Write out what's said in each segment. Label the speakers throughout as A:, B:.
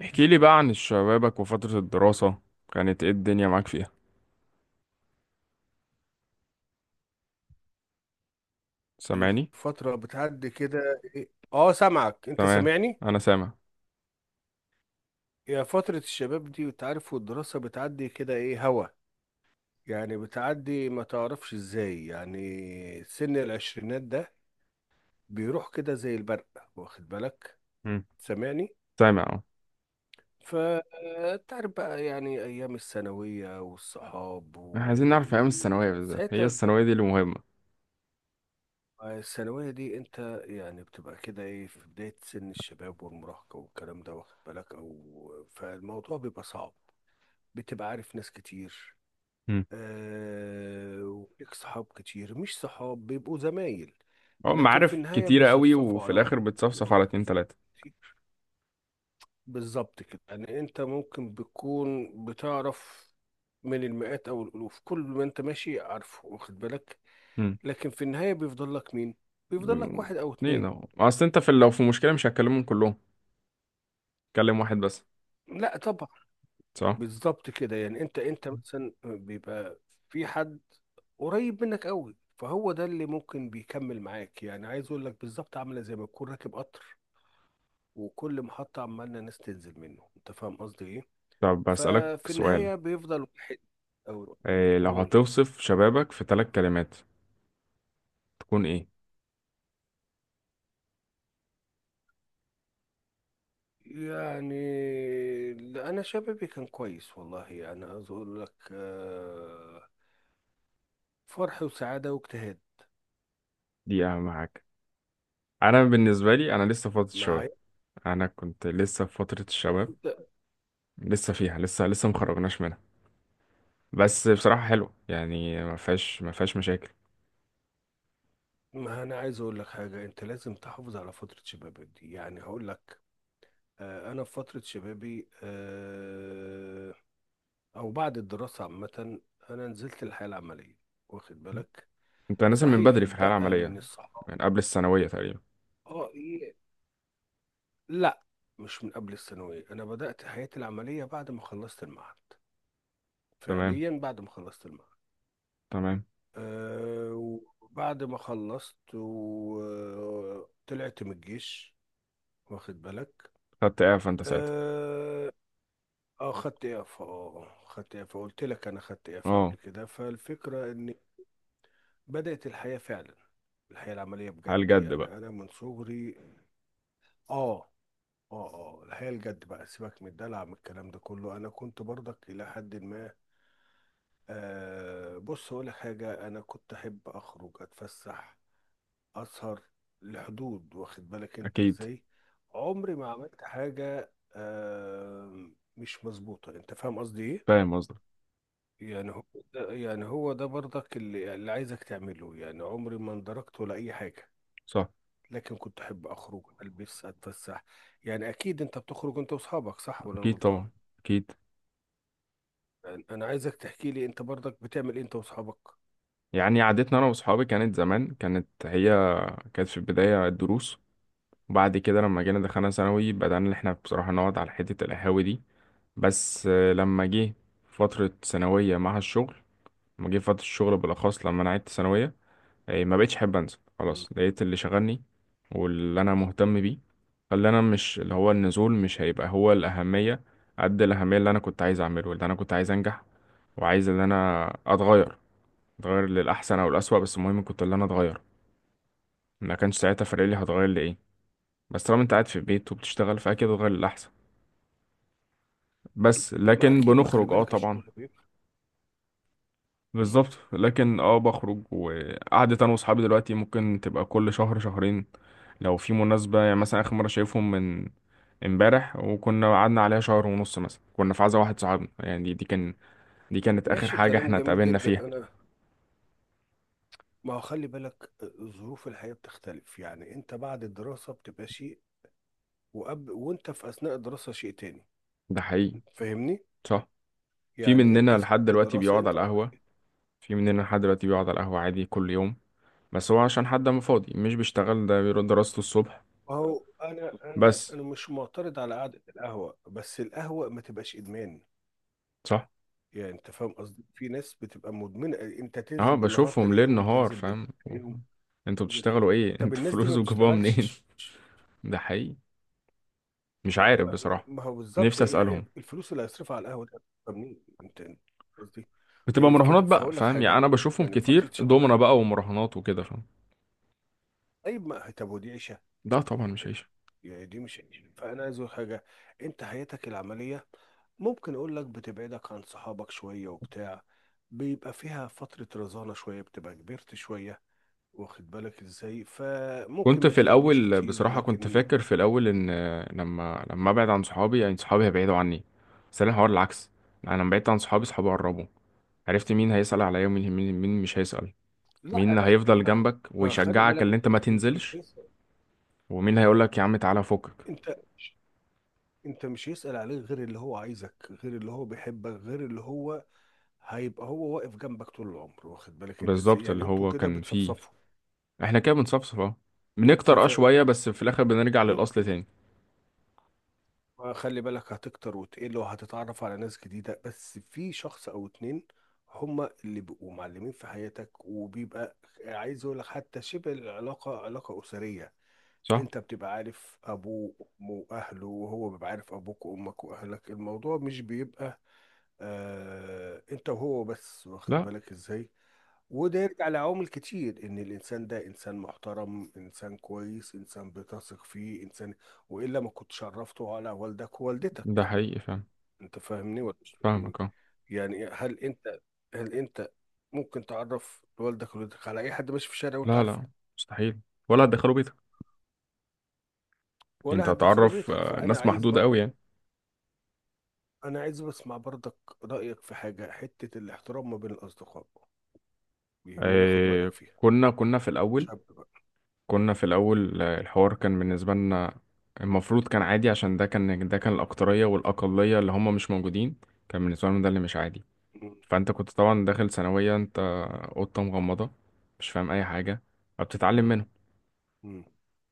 A: احكي لي بقى عن شبابك وفترة الدراسة. كانت ايه الدنيا معاك فيها؟ سامعني؟
B: فترة بتعدي كده إيه؟ اه، سامعك، انت
A: تمام،
B: سامعني.
A: انا سامع.
B: يا فترة الشباب دي انت عارف، والدراسة بتعدي كده ايه هوا. يعني بتعدي ما تعرفش ازاي، يعني سن العشرينات ده بيروح كده زي البرق، واخد بالك.
A: مم.
B: سامعني.
A: سامع اهو.
B: فتعرف بقى يعني ايام الثانوية والصحاب
A: احنا عايزين نعرف ايام الثانوية بالذات، هي
B: وساعتها.
A: الثانوية دي اللي مهمة.
B: الثانوية دي انت يعني بتبقى كده ايه في بداية سن الشباب والمراهقة والكلام ده، واخد بالك، او فالموضوع بيبقى صعب. بتبقى عارف ناس كتير.
A: مم.
B: آه، وليك صحاب كتير، مش صحاب بيبقوا زمايل.
A: اه،
B: لكن في
A: معارف
B: النهاية
A: كتيرة قوي
B: بيصفصفوا
A: وفي
B: على واحد
A: الاخر بتصفصف
B: أو
A: على اتنين تلاتة.
B: كتير. بالظبط كده، يعني انت ممكن بتكون بتعرف من المئات او الالوف كل ما انت ماشي عارفه، واخد بالك.
A: مم.
B: لكن في النهاية بيفضل لك مين؟ بيفضل لك
A: مم.
B: واحد او
A: اتنين
B: اتنين.
A: اهو، اصل انت في، لو في مشكلة مش هتكلمهم كلهم، تكلم واحد بس.
B: لا طبعا.
A: صح.
B: بالظبط كده، يعني انت مثلا بيبقى في حد قريب منك قوي، فهو ده اللي ممكن بيكمل معاك. يعني عايز اقول لك بالظبط، عامله زي ما تكون راكب قطر، وكل محطه عمالنا ناس تنزل منه، انت فاهم قصدي ايه؟
A: طب بسألك
B: ففي
A: سؤال،
B: النهايه بيفضل واحد او اتنين،
A: إيه لو
B: قول.
A: هتوصف شبابك في ثلاث كلمات تكون ايه؟
B: يعني لا، انا شبابي كان كويس والله. يعني عايز اقول لك آه، فرح وسعاده واجتهاد.
A: دي اهم حاجة. انا بالنسبة لي انا لسه فاضي شباب،
B: معايا.
A: انا كنت لسه في فترة الشباب، لسه فيها، لسه مخرجناش منها. بس بصراحة حلوة، يعني ما فيهاش مشاكل.
B: ما انا عايز اقول لك حاجه، انت لازم تحافظ على فتره شبابك دي. يعني هقول لك آه، انا في فتره شبابي آه، او بعد الدراسه عامه، انا نزلت الحياه العمليه، واخد بالك.
A: انت نازل من
B: صحيح
A: بدري في الحياة
B: اتبقى
A: العملية،
B: من الصحاب.
A: من قبل الثانوية تقريبا.
B: اه ايه. لا، مش من قبل الثانويه. انا بدات حياتي العمليه بعد ما خلصت المعهد،
A: تمام،
B: فعليا بعد ما خلصت المعهد.
A: تمام.
B: آه، وبعد ما خلصت وطلعت من الجيش، واخد بالك.
A: خدت اعفاء انت ساعتها؟
B: آه، اه خدت اف اه آه، اه، خدت اف، قلت لك انا خدت اف قبل
A: اه.
B: كده. فالفكره ان بدات الحياه فعلا، الحياه العمليه بجد.
A: على الجد
B: يعني
A: بقى.
B: انا من صغري، اه اه اه الحياه الجد بقى، سيبك من الدلع من الكلام ده كله. انا كنت برضك الى حد ما آه، بص اقول لك حاجه، انا كنت احب اخرج اتفسح اسهر لحدود، واخد بالك انت
A: اكيد.
B: ازاي. عمري ما عملت حاجه آه مش مظبوطه، انت فاهم قصدي ايه؟
A: فاهم قصدك.
B: يعني هو يعني هو ده برضك اللي عايزك تعمله. يعني عمري ما اندركت ولا اي حاجه.
A: صح.
B: لكن كنت احب اخرج البس اتفسح. يعني اكيد انت بتخرج انت واصحابك، صح ولا انا
A: اكيد
B: غلطان؟
A: طبعا. اكيد.
B: يعني انا عايزك تحكي لي انت برضك بتعمل إيه انت واصحابك.
A: يعني عادتنا انا واصحابي كانت زمان، كانت هي كانت في البداية الدروس، وبعد كده لما جينا دخلنا ثانوي بدأنا ان احنا بصراحة نقعد على حتة القهاوي دي. بس لما جه فترة ثانوية مع الشغل، لما جه فترة الشغل بالأخص لما أنا عدت ثانوية، ما بقتش أحب أنزل
B: مم.
A: خلاص، لقيت اللي شغلني واللي أنا مهتم بيه. خلي أنا، مش اللي هو النزول مش هيبقى هو الأهمية قد الأهمية اللي أنا كنت عايز أعمله، اللي أنا كنت عايز أنجح وعايز إن أنا أتغير. أتغير للأحسن أو الأسوأ، بس المهم كنت اللي أنا أتغير. ما كانش ساعتها فارق لي هتغير لإيه، بس طالما أنت قاعد في البيت وبتشتغل فأكيد هتغير للأحسن. بس
B: ما
A: لكن
B: اكيد، ما خلي
A: بنخرج اه
B: بالك
A: طبعا.
B: الشغل بيبقى. مم.
A: بالظبط، لكن اه بخرج، وقعدة انا واصحابي دلوقتي ممكن تبقى كل شهر شهرين، لو في مناسبة. يعني مثلا اخر مرة شايفهم من امبارح، وكنا قعدنا عليها شهر ونص مثلا. كنا في عزا واحد صاحبنا، يعني دي كانت اخر
B: ماشي،
A: حاجة
B: كلام
A: احنا
B: جميل
A: اتقابلنا
B: جدا.
A: فيها.
B: انا ما هو خلي بالك ظروف الحياه بتختلف. يعني انت بعد الدراسه بتبقى شيء، وقبل وانت في اثناء الدراسه شيء تاني.
A: ده حقيقي.
B: فاهمني؟
A: صح. في
B: يعني انت
A: مننا لحد
B: ساعات
A: دلوقتي
B: الدراسه
A: بيقعد
B: انت.
A: على القهوة، في مننا لحد دلوقتي بيقعد على القهوة عادي كل يوم، بس هو عشان حد ما فاضي مش بيشتغل، ده بيروح دراسته الصبح.
B: هو انا انا
A: بس.
B: انا مش معترض على قعده القهوه، بس القهوه ما تبقاش ادمان.
A: صح.
B: يعني انت فاهم قصدي، في ناس بتبقى مدمنه، انت
A: اه،
B: تنزل بالنهار
A: بشوفهم ليل
B: تلاقيهم،
A: نهار،
B: تنزل بالليل
A: فاهم.
B: تلاقيهم،
A: انتوا
B: تنزل فجأة.
A: بتشتغلوا ايه
B: طب
A: انتوا
B: الناس دي ما
A: فلوس وجابوها منين؟
B: بتشتغلش؟
A: ده حقيقي، مش
B: ما,
A: عارف
B: ما,
A: بصراحة.
B: ما هو بالظبط،
A: نفسي
B: يعني
A: اسألهم.
B: الفلوس اللي هيصرفها على القهوه ده طب منين؟ انت أنت قصدي. ما
A: بتبقى
B: هي في
A: مراهنات
B: كده،
A: بقى،
B: فهقول لك
A: فاهم، يعني
B: حاجه.
A: انا بشوفهم
B: يعني في فتره
A: كتير،
B: شبابك
A: دومنا
B: دي،
A: بقى ومراهنات وكده، فاهم.
B: طيب ما طب ودي عيشه؟
A: ده طبعا مش عيش.
B: يعني دي مش، فانا عايز اقول حاجه. انت حياتك العمليه ممكن اقول لك بتبعدك عن صحابك شويه وبتاع، بيبقى فيها فتره رزانه شويه، بتبقى كبرت شويه، واخد بالك ازاي. فممكن
A: كنت
B: ما
A: في
B: تتقابلوش
A: الاول
B: كتير،
A: بصراحة، كنت
B: لكن
A: فاكر في الاول ان لما ابعد عن صحابي يعني صحابي هيبعدوا عني، بس انا الحوار العكس. انا لما بعدت عن صحابي صحابي قربوا، عرفت مين هيسأل عليا، ومين مين مش هيسأل،
B: لا
A: مين اللي
B: لا لا
A: هيفضل
B: ما
A: جنبك
B: ما خلي
A: ويشجعك
B: بالك،
A: اللي انت ما
B: انت مش
A: تنزلش،
B: لسه.
A: ومين هيقولك يا عم تعالى فكك.
B: انت مش يسأل عليه غير اللي هو عايزك، غير اللي هو بيحبك، غير اللي هو هيبقى هو واقف جنبك طول العمر، واخد بالك انت ازاي.
A: بالظبط
B: يعني
A: اللي
B: انتوا
A: هو
B: كده
A: كان فيه.
B: بتصفصفوا.
A: احنا كده بنصفصف اهو،
B: انت
A: بنكتر اه
B: فاهم؟
A: شوية بس في الآخر بنرجع
B: انتوا
A: للأصل
B: كده.
A: تاني.
B: خلي بالك هتكتر وتقل وهتتعرف على ناس جديدة، بس في شخص أو اتنين هما اللي بيبقوا معلمين في حياتك، وبيبقى عايز أقول لك، حتى شبه العلاقة علاقة أسرية.
A: صح؟
B: انت بتبقى عارف ابوه وامه واهله، وهو بيبقى عارف ابوك وامك واهلك. الموضوع مش بيبقى آه انت وهو بس، واخد
A: لا.
B: بالك ازاي. وده يرجع لعوامل كتير، ان الانسان ده انسان محترم، انسان كويس، انسان بتثق فيه، انسان، والا ما كنتش عرفته على والدك ووالدتك.
A: ده حقيقي، فاهم.
B: انت فاهمني ولا مش فاهمني؟
A: فاهمك اه.
B: يعني هل انت ممكن تعرف والدك ووالدتك على اي حد ماشي في الشارع وانت
A: لا
B: عارفه؟
A: لا، مستحيل، ولا هتدخلوا بيتك. انت
B: ولا هتدخله
A: هتعرف
B: بيتك. فانا
A: ناس
B: عايز
A: محدودة قوي
B: برضه،
A: يعني.
B: انا عايز بسمع برضك رايك في حاجه، حته الاحترام ما بين الاصدقاء بيهمني اخد رايك
A: آه،
B: فيها.
A: كنا في الأول،
B: شاب بقى.
A: كنا في الأول الحوار كان بالنسبة لنا المفروض كان عادي، عشان ده كان، ده كان الأكترية، والأقلية اللي هم مش موجودين كان بالنسبة لهم ده اللي مش عادي.
B: مم.
A: فانت كنت طبعا داخل ثانوية انت قطة مغمضة مش فاهم اي حاجة، فبتتعلم
B: مم.
A: منهم.
B: مم.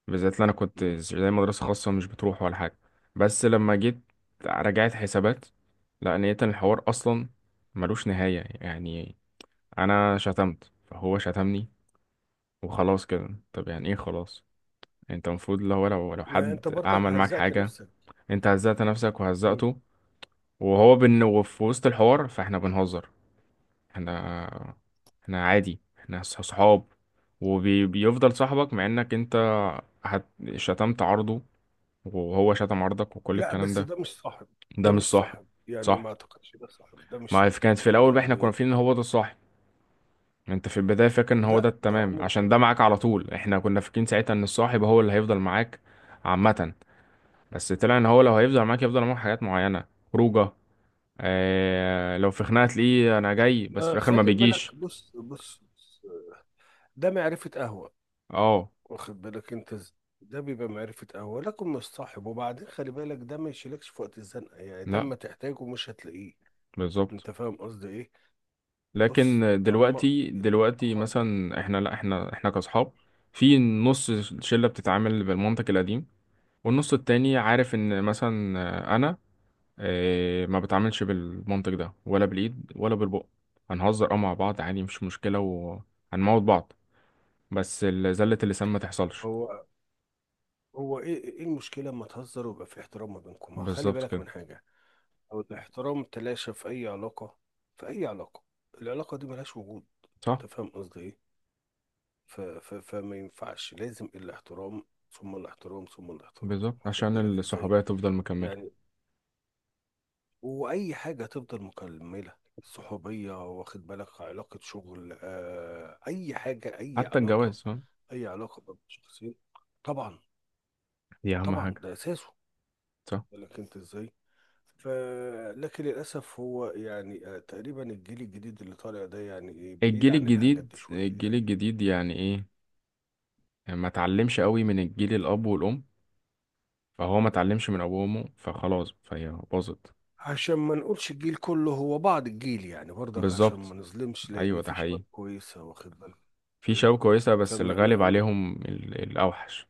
A: بالذات اللي انا كنت
B: مم.
A: زي مدرسة خاصة مش بتروح ولا حاجة. بس لما جيت رجعت حسابات، لا، لقيت ان الحوار اصلا ملوش نهاية يعني. انا شتمت فهو شتمني، وخلاص كده، طب يعني ايه خلاص؟ انت المفروض لو
B: ما انت
A: حد
B: برضك
A: عمل معاك
B: هزأت
A: حاجة،
B: نفسك.
A: انت هزأت نفسك
B: مم.
A: وهزأته. وهو بن، وفي وسط الحوار فاحنا بنهزر، احنا احنا عادي، احنا صحاب، وبيفضل صاحبك مع انك انت هت... شتمت عرضه وهو شتم عرضك وكل
B: لا،
A: الكلام
B: بس
A: ده.
B: ده مش صاحب.
A: ده
B: ده
A: مش
B: مش
A: صاحب.
B: صاحب، يعني ما
A: صح.
B: اعتقدش ده صاحب، ده مش
A: ما في-
B: صاحب
A: كانت
B: لا.
A: في الاول بقى احنا كنا
B: يعني
A: فاكرين ان هو ده الصاحب، انت في البداية فاكر ان هو ده
B: لا، ده
A: التمام
B: عمره ما
A: عشان ده
B: يكون
A: معاك على
B: صاحب.
A: طول، احنا كنا فاكرين ساعتها ان الصاحب هو اللي هيفضل معاك عامة. بس طلع ان هو لو هيفضل معاك يفضل معاك حاجات معينة، خروجه. لو في خناقة تلاقيه انا جاي بس في
B: ما
A: الاخر ما
B: خلي بالك،
A: بيجيش.
B: بص بص بص، ده معرفه قهوه،
A: اه.
B: واخد بالك انت ازاي. ده بيبقى معرفة قهوة لكن مش صاحب. وبعدين خلي بالك، ده ما يشيلكش في وقت الزنقة، يعني ده
A: لا.
B: ما تحتاجه مش هتلاقيه.
A: بالظبط.
B: انت فاهم قصدي ايه؟
A: لكن
B: بص، طالما
A: دلوقتي،
B: ال-
A: دلوقتي
B: خالص.
A: مثلا احنا، لا، احنا كاصحاب، في نص شله بتتعامل بالمنطق القديم، والنص التاني عارف ان مثلا انا ما بتعاملش بالمنطق ده ولا بالايد ولا بالبق، هنهزر اه مع بعض عادي مش مشكله وهنموت بعض، بس زله اللسان ما تحصلش.
B: هو هو ايه؟ ايه المشكله اما تهزر ويبقى في احترام ما بينكم، ما خلي
A: بالظبط
B: بالك
A: كده.
B: من حاجه. او الاحترام تلاشى في اي علاقه، في اي علاقه، العلاقه دي ملهاش وجود.
A: صح.
B: انت فاهم قصدي ايه؟ ف ف فما ينفعش، لازم الاحترام ثم الاحترام ثم الاحترام،
A: بالظبط،
B: واخد
A: عشان
B: بالك ازاي.
A: الصحوبيه تفضل
B: يعني
A: مكمله.
B: واي حاجه تفضل مكمله، صحوبيه واخد بالك، علاقه شغل آه، اي حاجه، اي
A: حتى
B: علاقه،
A: الجواز، فاهم.
B: اي علاقه بين شخصين. طبعا.
A: دي اهم
B: طبعا
A: حاجه.
B: ده اساسه.
A: صح.
B: لكن انت ازاي. ف، لكن للاسف هو يعني آه تقريبا الجيل الجديد اللي طالع ده يعني إيه، بعيد
A: الجيل
B: عن الحاجات
A: الجديد،
B: دي شويه
A: الجيل
B: يعني.
A: الجديد يعني ايه؟ ما اتعلمش قوي من الجيل الاب والام، فهو ما اتعلمش من ابوه وامه، فخلاص فهي باظت.
B: عشان ما نقولش الجيل كله، هو بعض الجيل يعني برضك، عشان
A: بالظبط.
B: ما نظلمش، لان
A: ايوه، ده
B: في شباب
A: حقيقي.
B: كويسه، واخد بالك
A: في
B: ازاي.
A: شباب كويسه بس
B: فما
A: الغالب عليهم الاوحش،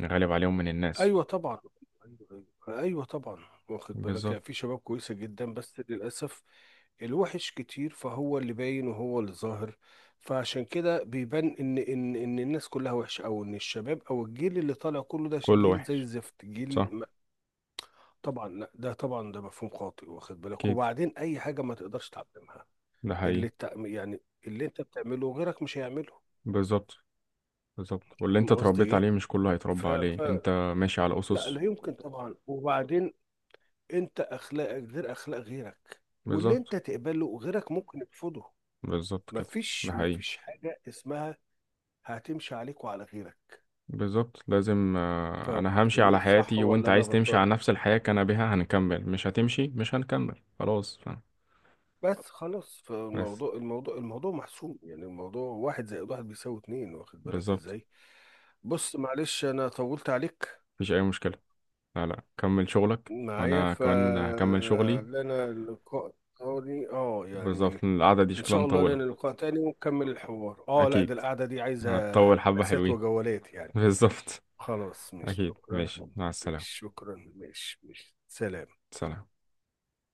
A: الغالب عليهم من الناس.
B: ايوه طبعا، ايوه، أيوة. أيوة طبعا، واخد بالك. يعني في
A: بالظبط،
B: شباب كويسه جدا، بس للاسف الوحش كتير، فهو اللي باين وهو اللي ظاهر. فعشان كده بيبان ان الناس كلها وحشه، او ان الشباب او الجيل اللي طالع كله ده
A: كله
B: جيل زي
A: وحش.
B: الزفت، جيل
A: صح.
B: م-. طبعا لا، ده طبعا ده مفهوم خاطئ، واخد بالك.
A: اكيد.
B: وبعدين اي حاجه ما تقدرش تعلمها.
A: ده
B: اللي
A: حقيقي.
B: التع... يعني اللي انت بتعمله غيرك مش هيعمله.
A: بالظبط. بالظبط، واللي انت
B: فاهم قصدي
A: اتربيت
B: ايه؟
A: عليه مش كله هيتربى
B: ف... ف...
A: عليه انت. ماشي على
B: لا
A: اسس.
B: لا، يمكن طبعا. وبعدين انت اخلاقك غير اخلاق غيرك، واللي
A: بالظبط،
B: انت تقبله غيرك ممكن يرفضه.
A: بالظبط كده.
B: مفيش
A: ده حقيقي.
B: مفيش حاجه اسمها هتمشي عليك وعلى غيرك.
A: بالظبط، لازم
B: فاهم
A: انا
B: قصدي
A: همشي
B: ايه،
A: على
B: صح
A: حياتي، وانت
B: ولا انا
A: عايز تمشي
B: غلطان؟
A: على نفس الحياة كان بها هنكمل، مش هتمشي مش هنكمل خلاص.
B: بس خلاص،
A: بس.
B: فالموضوع الموضوع محسوم. يعني الموضوع واحد زائد واحد بيساوي اتنين، واخد بالك
A: بالظبط.
B: ازاي. بص معلش، انا طولت عليك
A: مفيش اي مشكلة، لا لا كمل شغلك
B: معايا،
A: وانا كمان هكمل شغلي.
B: فلنا اللقاء تاني اه
A: بالظبط،
B: يعني.
A: لأن القعدة دي
B: ان
A: شكلها
B: شاء الله
A: مطولة.
B: لنا لقاء تاني ونكمل الحوار. اه لا، ده
A: اكيد
B: القعدة دي عايزة
A: هتطول، حبة
B: جلسات
A: حلوين.
B: وجولات يعني.
A: بالظبط.
B: خلاص، مش
A: اكيد،
B: شكرا،
A: ماشي، مع
B: مش
A: السلامة.
B: شكرا، مش مش سلام.
A: سلام.